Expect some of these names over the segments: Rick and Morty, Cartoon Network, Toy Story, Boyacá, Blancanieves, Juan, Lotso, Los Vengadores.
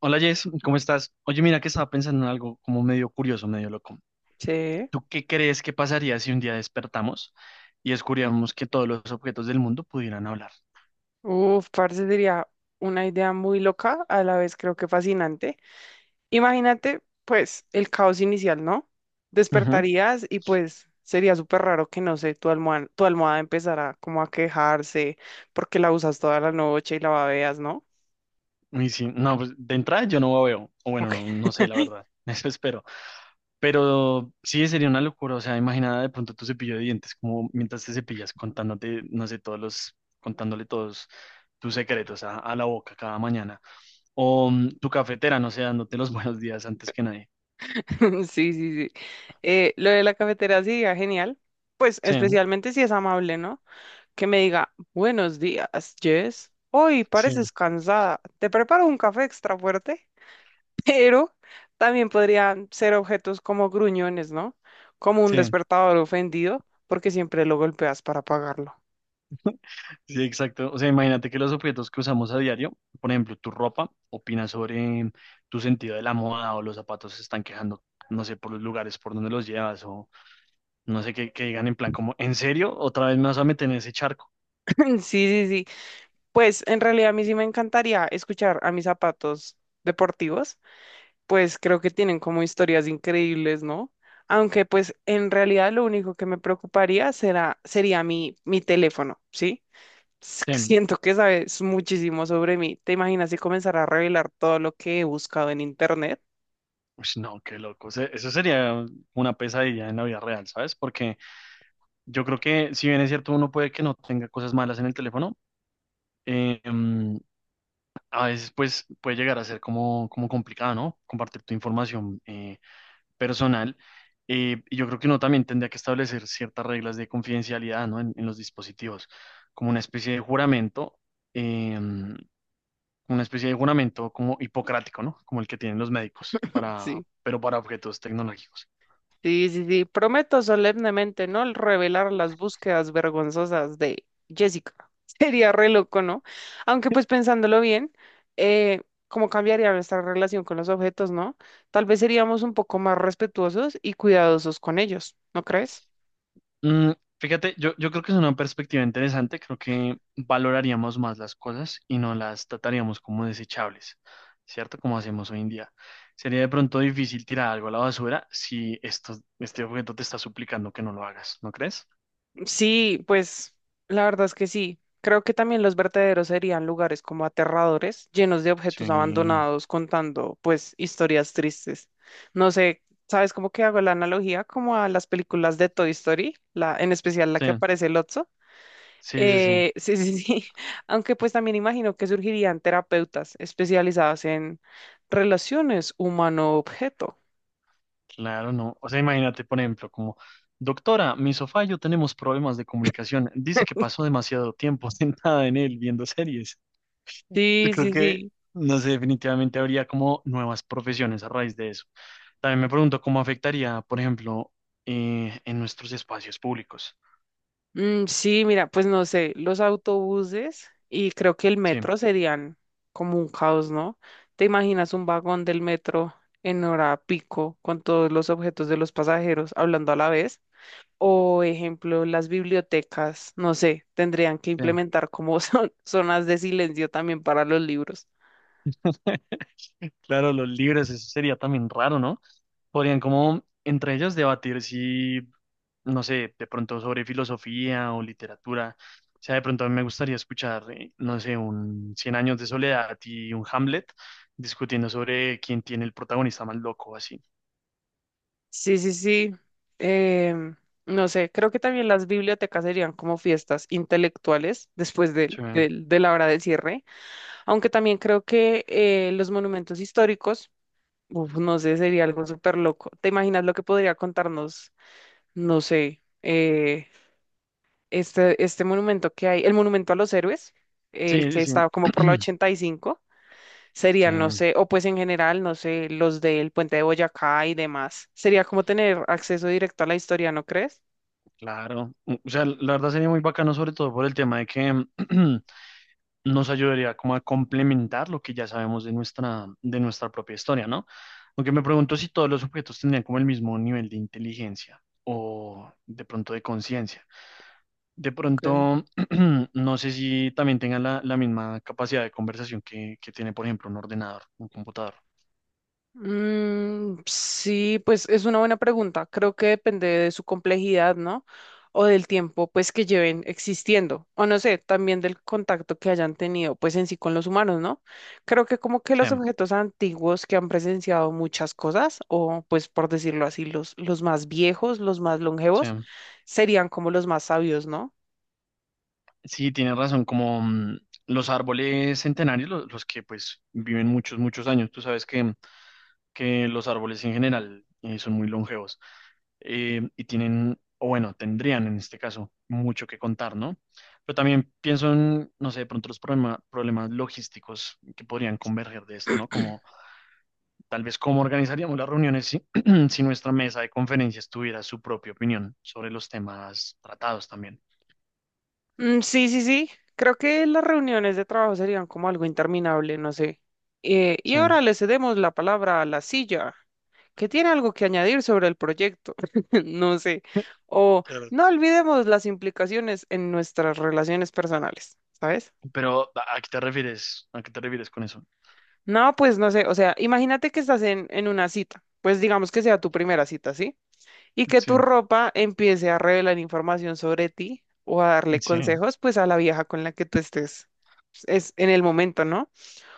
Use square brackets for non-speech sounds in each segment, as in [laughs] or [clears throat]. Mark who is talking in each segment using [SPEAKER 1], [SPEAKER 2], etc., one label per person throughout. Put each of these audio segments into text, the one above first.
[SPEAKER 1] Hola Jess, ¿cómo estás? Oye, mira que estaba pensando en algo como medio curioso, medio loco.
[SPEAKER 2] Sí.
[SPEAKER 1] ¿Tú qué crees que pasaría si un día despertamos y descubríamos que todos los objetos del mundo pudieran hablar?
[SPEAKER 2] Uf, parce, sería una idea muy loca, a la vez creo que fascinante. Imagínate, pues, el caos inicial, ¿no?
[SPEAKER 1] Ujú.
[SPEAKER 2] Despertarías y pues sería súper raro que, no sé, tu almohada empezara como a quejarse porque la usas toda la noche y la babeas, ¿no?
[SPEAKER 1] Y si, no, pues de entrada yo no veo, o bueno,
[SPEAKER 2] Ok,
[SPEAKER 1] no, no sé la verdad, [laughs] eso espero. Pero sí sería una locura, o sea, imagina de pronto tu cepillo de dientes, como mientras te cepillas contándote, no sé, todos los, contándole todos tus secretos a la boca cada mañana. O tu cafetera, no sé, dándote los [laughs] buenos días antes que nadie.
[SPEAKER 2] [laughs] sí, sí, sí. Lo de la cafetera sería genial, pues
[SPEAKER 1] Sí,
[SPEAKER 2] especialmente si es amable, ¿no? Que me diga, buenos días, Jess. Hoy
[SPEAKER 1] sí.
[SPEAKER 2] pareces cansada. ¿Te preparo un café extra fuerte? Pero también podrían ser objetos como gruñones, ¿no? Como un
[SPEAKER 1] Sí,
[SPEAKER 2] despertador ofendido, porque siempre lo golpeas para apagarlo.
[SPEAKER 1] sí, exacto. O sea, imagínate que los objetos que usamos a diario, por ejemplo, tu ropa, opina sobre tu sentido de la moda o los zapatos se están quejando, no sé, por los lugares por donde los llevas o no sé, que digan en plan como, ¿en serio? ¿Otra vez me vas a meter en ese charco?
[SPEAKER 2] [laughs] Sí, sí, sí. Pues en realidad a mí sí me encantaría escuchar a mis zapatos deportivos, pues creo que tienen como historias increíbles, ¿no? Aunque pues en realidad lo único que me preocuparía sería mi teléfono, ¿sí?
[SPEAKER 1] Sí.
[SPEAKER 2] Siento que sabes muchísimo sobre mí. ¿Te imaginas si comenzara a revelar todo lo que he buscado en internet?
[SPEAKER 1] Ush, no, qué loco. O sea, eso sería una pesadilla en la vida real, ¿sabes? Porque yo creo que si bien es cierto, uno puede que no tenga cosas malas en el teléfono, eh, em, a veces pues puede llegar a ser como, como complicado, ¿no? Compartir tu información personal, y yo creo que uno también tendría que establecer ciertas reglas de confidencialidad, ¿no? En los dispositivos, como una especie de juramento, eh, una especie de juramento como hipocrático, ¿no? Como el que tienen los médicos, para,
[SPEAKER 2] [laughs]
[SPEAKER 1] pero para objetos tecnológicos.
[SPEAKER 2] Sí, sí, sí. Prometo solemnemente no revelar las búsquedas vergonzosas de Jessica. [laughs] Sería re loco, ¿no? Aunque pues pensándolo bien, eh, cómo cambiaría nuestra relación con los objetos, ¿no? Tal vez seríamos un poco más respetuosos y cuidadosos con ellos, ¿no crees?
[SPEAKER 1] Mm, fíjate, yo creo que es una perspectiva interesante. Creo que valoraríamos más las cosas y no las trataríamos como desechables, ¿cierto? Como hacemos hoy en día. Sería de pronto difícil tirar algo a la basura si esto, este objeto te está suplicando que no lo hagas, ¿no crees?
[SPEAKER 2] Sí, pues la verdad es que sí. Creo que también los vertederos serían lugares como aterradores, llenos de objetos
[SPEAKER 1] Sí,
[SPEAKER 2] abandonados, contando pues historias tristes. No sé, ¿sabes cómo que hago la analogía? Como a las películas de Toy Story, la, en especial la
[SPEAKER 1] sí,
[SPEAKER 2] que aparece Lotso.
[SPEAKER 1] sí, sí, sí,
[SPEAKER 2] [laughs] Sí, sí, sí. [laughs] Aunque pues también imagino que surgirían terapeutas especializadas en relaciones humano-objeto.
[SPEAKER 1] claro, no. O sea, imagínate, por ejemplo, como, doctora, mi sofá y yo tenemos problemas de comunicación. Dice que pasó demasiado tiempo [laughs] sentada en él viendo series. Yo
[SPEAKER 2] Sí,
[SPEAKER 1] creo
[SPEAKER 2] sí,
[SPEAKER 1] que,
[SPEAKER 2] sí.
[SPEAKER 1] no sé, definitivamente habría como nuevas profesiones a raíz de eso. También me pregunto cómo afectaría, por ejemplo, en nuestros espacios públicos.
[SPEAKER 2] Mm, sí, mira, pues no sé, los autobuses y creo que el
[SPEAKER 1] Sí,
[SPEAKER 2] metro serían como un caos, ¿no? ¿Te imaginas un vagón del metro en hora pico con todos los objetos de los pasajeros hablando a la vez? O, ejemplo, las bibliotecas, no sé, tendrían que
[SPEAKER 1] bien.
[SPEAKER 2] implementar como son [laughs] zonas de silencio también para los libros.
[SPEAKER 1] Claro, los libres, eso sería también raro, ¿no? Podrían como entre ellos debatir si, no sé, de pronto sobre filosofía o literatura. O sea, de pronto a mí me gustaría escuchar, no sé, un Cien años de soledad y un Hamlet discutiendo sobre quién tiene el protagonista más loco, así.
[SPEAKER 2] Sí, sí, sí. em, no sé, creo que también las bibliotecas serían como fiestas intelectuales después
[SPEAKER 1] Sí,
[SPEAKER 2] de la hora del cierre. Aunque también creo que los monumentos históricos, uf, no sé, sería algo súper loco. ¿Te imaginas lo que podría contarnos, no sé, este monumento que hay, el monumento a los héroes, el
[SPEAKER 1] sí,
[SPEAKER 2] que
[SPEAKER 1] sí.
[SPEAKER 2] está como por la
[SPEAKER 1] Sí. [clears throat]
[SPEAKER 2] 85, sería,
[SPEAKER 1] Sí,
[SPEAKER 2] no sé, o pues en general, no sé, los del puente de Boyacá y demás? Sería como tener acceso directo a la historia, ¿no crees?
[SPEAKER 1] claro. Mm, o sea, la verdad sería muy bacano, sobre todo por el tema de que [clears throat] nos ayudaría como a complementar lo que ya sabemos de nuestra propia historia, ¿no? Aunque me pregunto si todos los objetos tendrían como el mismo nivel de inteligencia o de pronto de conciencia. De
[SPEAKER 2] Ok.
[SPEAKER 1] pronto, [clears throat] no sé si también tengan la, la misma capacidad de conversación que tiene, por ejemplo, un ordenador, un computador.
[SPEAKER 2] Mm, sí, pues es una buena pregunta. Creo que depende de su complejidad, ¿no? O del tiempo, pues, que lleven existiendo. O no sé, también del contacto que hayan tenido, pues, en sí con los humanos, ¿no? Creo que como que
[SPEAKER 1] Sí,
[SPEAKER 2] los objetos antiguos que han presenciado muchas cosas, o pues, por decirlo así, los más viejos, los más
[SPEAKER 1] sí.
[SPEAKER 2] longevos, serían como los más sabios, ¿no?
[SPEAKER 1] Sí, tienes razón, como los árboles centenarios, los que pues viven muchos, muchos años. Tú sabes que los árboles en general son muy longevos y tienen, o bueno, tendrían en este caso mucho que contar, ¿no? Pero también pienso en, no sé, de pronto los problemas logísticos que podrían converger de esto, ¿no? Como tal vez cómo organizaríamos las reuniones si, [clears throat] si nuestra mesa de conferencias tuviera su propia opinión sobre los temas tratados también.
[SPEAKER 2] Mm, sí, sí, sí. Creo que las reuniones de trabajo serían como algo interminable, no sé. Y
[SPEAKER 1] Sí.
[SPEAKER 2] ahora le cedemos la palabra a la silla, que tiene algo que añadir sobre el proyecto, [laughs] no sé. O no
[SPEAKER 1] [laughs]
[SPEAKER 2] olvidemos las implicaciones en nuestras relaciones personales, ¿sabes?
[SPEAKER 1] Pero, ¿a qué te refieres? ¿A qué te refieres con eso?
[SPEAKER 2] No, pues no sé, o sea, imagínate que estás en una cita, pues digamos que sea tu primera cita, ¿sí? Y que
[SPEAKER 1] Sí,
[SPEAKER 2] tu ropa empiece a revelar información sobre ti o a darle
[SPEAKER 1] sí,
[SPEAKER 2] consejos pues a la vieja con la que tú estés es en el momento, ¿no?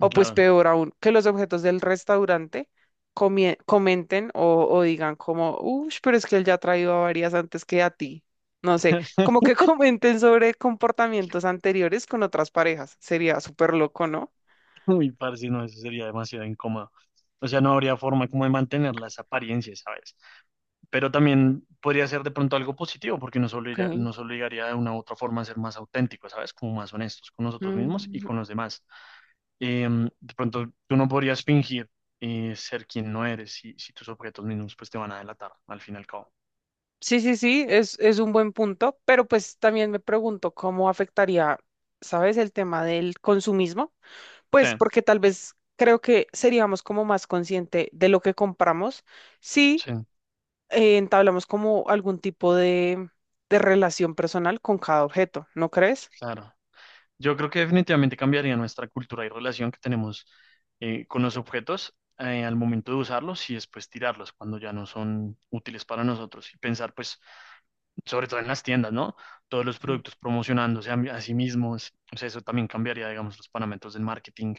[SPEAKER 2] O pues
[SPEAKER 1] claro.
[SPEAKER 2] peor aún, que los objetos del restaurante comenten o digan como, uff, pero es que él ya ha traído a varias antes que a ti. No sé, como que [laughs] comenten sobre comportamientos anteriores con otras parejas. Sería súper loco, ¿no?
[SPEAKER 1] [laughs] Uy, parce, no, eso sería demasiado incómodo. O sea, no habría forma como de mantener las apariencias, ¿sabes? Pero también podría ser de pronto algo positivo, porque
[SPEAKER 2] Ok.
[SPEAKER 1] nos obligaría de una u otra forma a ser más auténticos, ¿sabes? Como más honestos con nosotros mismos y con los demás. Em, de pronto, tú no podrías fingir ser quien no eres si, si tus objetos mismos pues te van a delatar, al fin y al cabo.
[SPEAKER 2] Sí, sí, sí, es un buen punto, pero pues también me pregunto cómo afectaría, ¿sabes?, el tema del consumismo,
[SPEAKER 1] Sí,
[SPEAKER 2] pues porque tal vez creo que seríamos como más consciente de lo que compramos si
[SPEAKER 1] sí,
[SPEAKER 2] entablamos como algún tipo de relación personal con cada objeto, ¿no crees?
[SPEAKER 1] claro. Yo creo que definitivamente cambiaría nuestra cultura y relación que tenemos con los objetos al momento de usarlos y después tirarlos cuando ya no son útiles para nosotros. Y pensar, pues, sobre todo en las tiendas, ¿no? Todos los
[SPEAKER 2] Mm.
[SPEAKER 1] productos promocionándose a sí mismos. O sea, eso también cambiaría, digamos, los parámetros del marketing.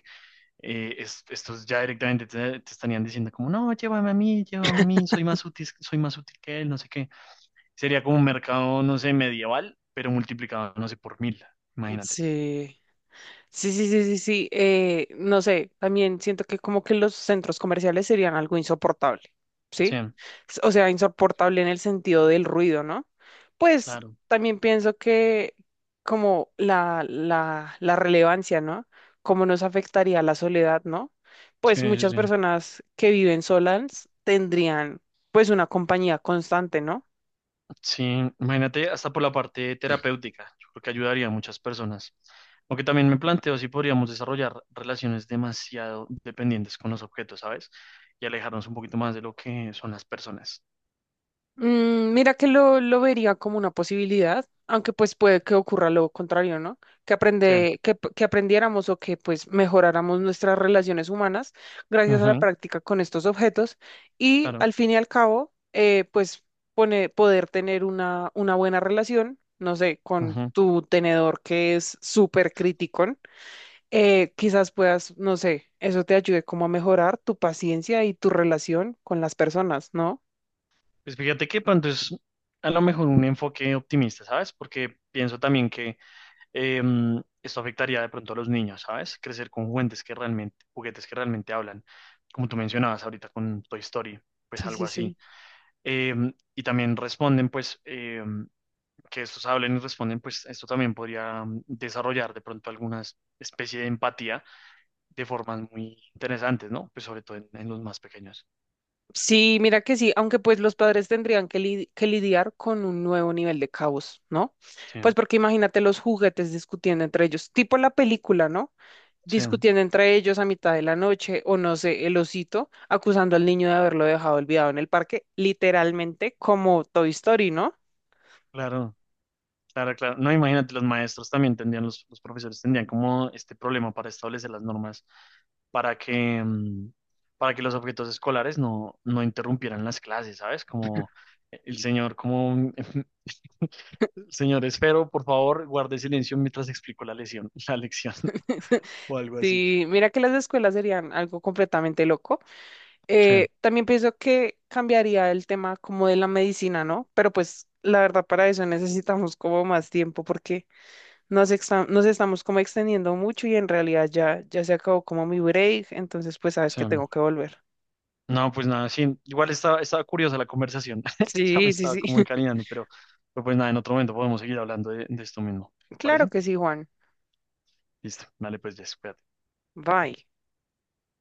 [SPEAKER 1] Estos ya directamente te estarían diciendo como, no, llévame a mí, soy más útil que él, no sé qué. Sería como un mercado, no sé, medieval, pero multiplicado, no sé, por mil. Imagínate.
[SPEAKER 2] Sí. Sí, sí, sí, sí, sí. No sé, también siento que como que los centros comerciales serían algo insoportable,
[SPEAKER 1] Sí,
[SPEAKER 2] ¿sí? O sea, insoportable en el sentido del ruido, ¿no? Pues
[SPEAKER 1] claro.
[SPEAKER 2] también pienso que como la relevancia, ¿no? Cómo nos afectaría la soledad, ¿no?
[SPEAKER 1] Sí,
[SPEAKER 2] Pues
[SPEAKER 1] sí,
[SPEAKER 2] muchas
[SPEAKER 1] sí.
[SPEAKER 2] personas que viven solas tendrían pues una compañía constante, ¿no?
[SPEAKER 1] Sí, imagínate hasta por la parte terapéutica, yo creo que ayudaría a muchas personas. Aunque también me planteo si podríamos desarrollar relaciones demasiado dependientes con los objetos, ¿sabes? Y alejarnos un poquito más de lo que son las personas.
[SPEAKER 2] Mm, mira que lo vería como una posibilidad, aunque pues puede que ocurra lo contrario, ¿no? Que
[SPEAKER 1] Sí.
[SPEAKER 2] aprende, que, p- que aprendiéramos o que pues mejoráramos nuestras relaciones humanas gracias a la
[SPEAKER 1] Ujú,
[SPEAKER 2] práctica con estos objetos, y
[SPEAKER 1] claro.
[SPEAKER 2] al fin y al cabo, pues poder tener una buena relación, no sé, con
[SPEAKER 1] Ujú.
[SPEAKER 2] tu tenedor que es súper criticón, quizás puedas, no sé, eso te ayude como a mejorar tu paciencia y tu relación con las personas, ¿no?
[SPEAKER 1] Pues fíjate que pronto es a lo mejor un enfoque optimista, ¿sabes? Porque pienso también que eh, esto afectaría de pronto a los niños, ¿sabes? Crecer con juguetes que realmente hablan, como tú mencionabas ahorita con Toy Story, pues
[SPEAKER 2] Sí,
[SPEAKER 1] algo
[SPEAKER 2] sí,
[SPEAKER 1] así.
[SPEAKER 2] sí.
[SPEAKER 1] Eh, y también responden, pues, que estos hablen y responden, pues esto también podría desarrollar de pronto alguna especie de empatía de formas muy interesantes, ¿no? Pues sobre todo en los más pequeños.
[SPEAKER 2] Sí, mira que sí, aunque pues los padres tendrían que lidiar con un nuevo nivel de caos, ¿no?
[SPEAKER 1] Sí,
[SPEAKER 2] Pues porque imagínate los juguetes discutiendo entre ellos, tipo la película, ¿no?
[SPEAKER 1] sí,
[SPEAKER 2] Discutiendo entre ellos a mitad de la noche, o no sé, el osito acusando al niño de haberlo dejado olvidado en el parque, literalmente como Toy Story, ¿no?
[SPEAKER 1] claro. Claro, claro. No, imagínate, los maestros también tendrían, los profesores tendrían como este problema para establecer las normas para que, para que los objetos escolares no, no interrumpieran las clases, ¿sabes? Como el señor, como [laughs] señor Esfero, por favor, guarde silencio mientras explico la lección
[SPEAKER 2] [laughs]
[SPEAKER 1] [laughs] o algo así.
[SPEAKER 2] Sí, mira que las escuelas serían algo completamente loco.
[SPEAKER 1] Sí,
[SPEAKER 2] También pienso que cambiaría el tema como de la medicina, ¿no? Pero pues la verdad para eso necesitamos como más tiempo porque nos estamos como extendiendo mucho y en realidad ya se acabó como mi break, entonces pues sabes que
[SPEAKER 1] sí.
[SPEAKER 2] tengo que volver.
[SPEAKER 1] No, pues nada, sí. Igual estaba, estaba curiosa la conversación. [laughs] Ya me
[SPEAKER 2] Sí, sí,
[SPEAKER 1] estaba
[SPEAKER 2] sí.
[SPEAKER 1] como
[SPEAKER 2] [laughs]
[SPEAKER 1] encaminando, pero pues nada, en otro momento podemos seguir hablando de esto mismo. ¿Te
[SPEAKER 2] Claro
[SPEAKER 1] parece?
[SPEAKER 2] que sí, Juan.
[SPEAKER 1] Listo, dale, pues ya, espérate.
[SPEAKER 2] Bye.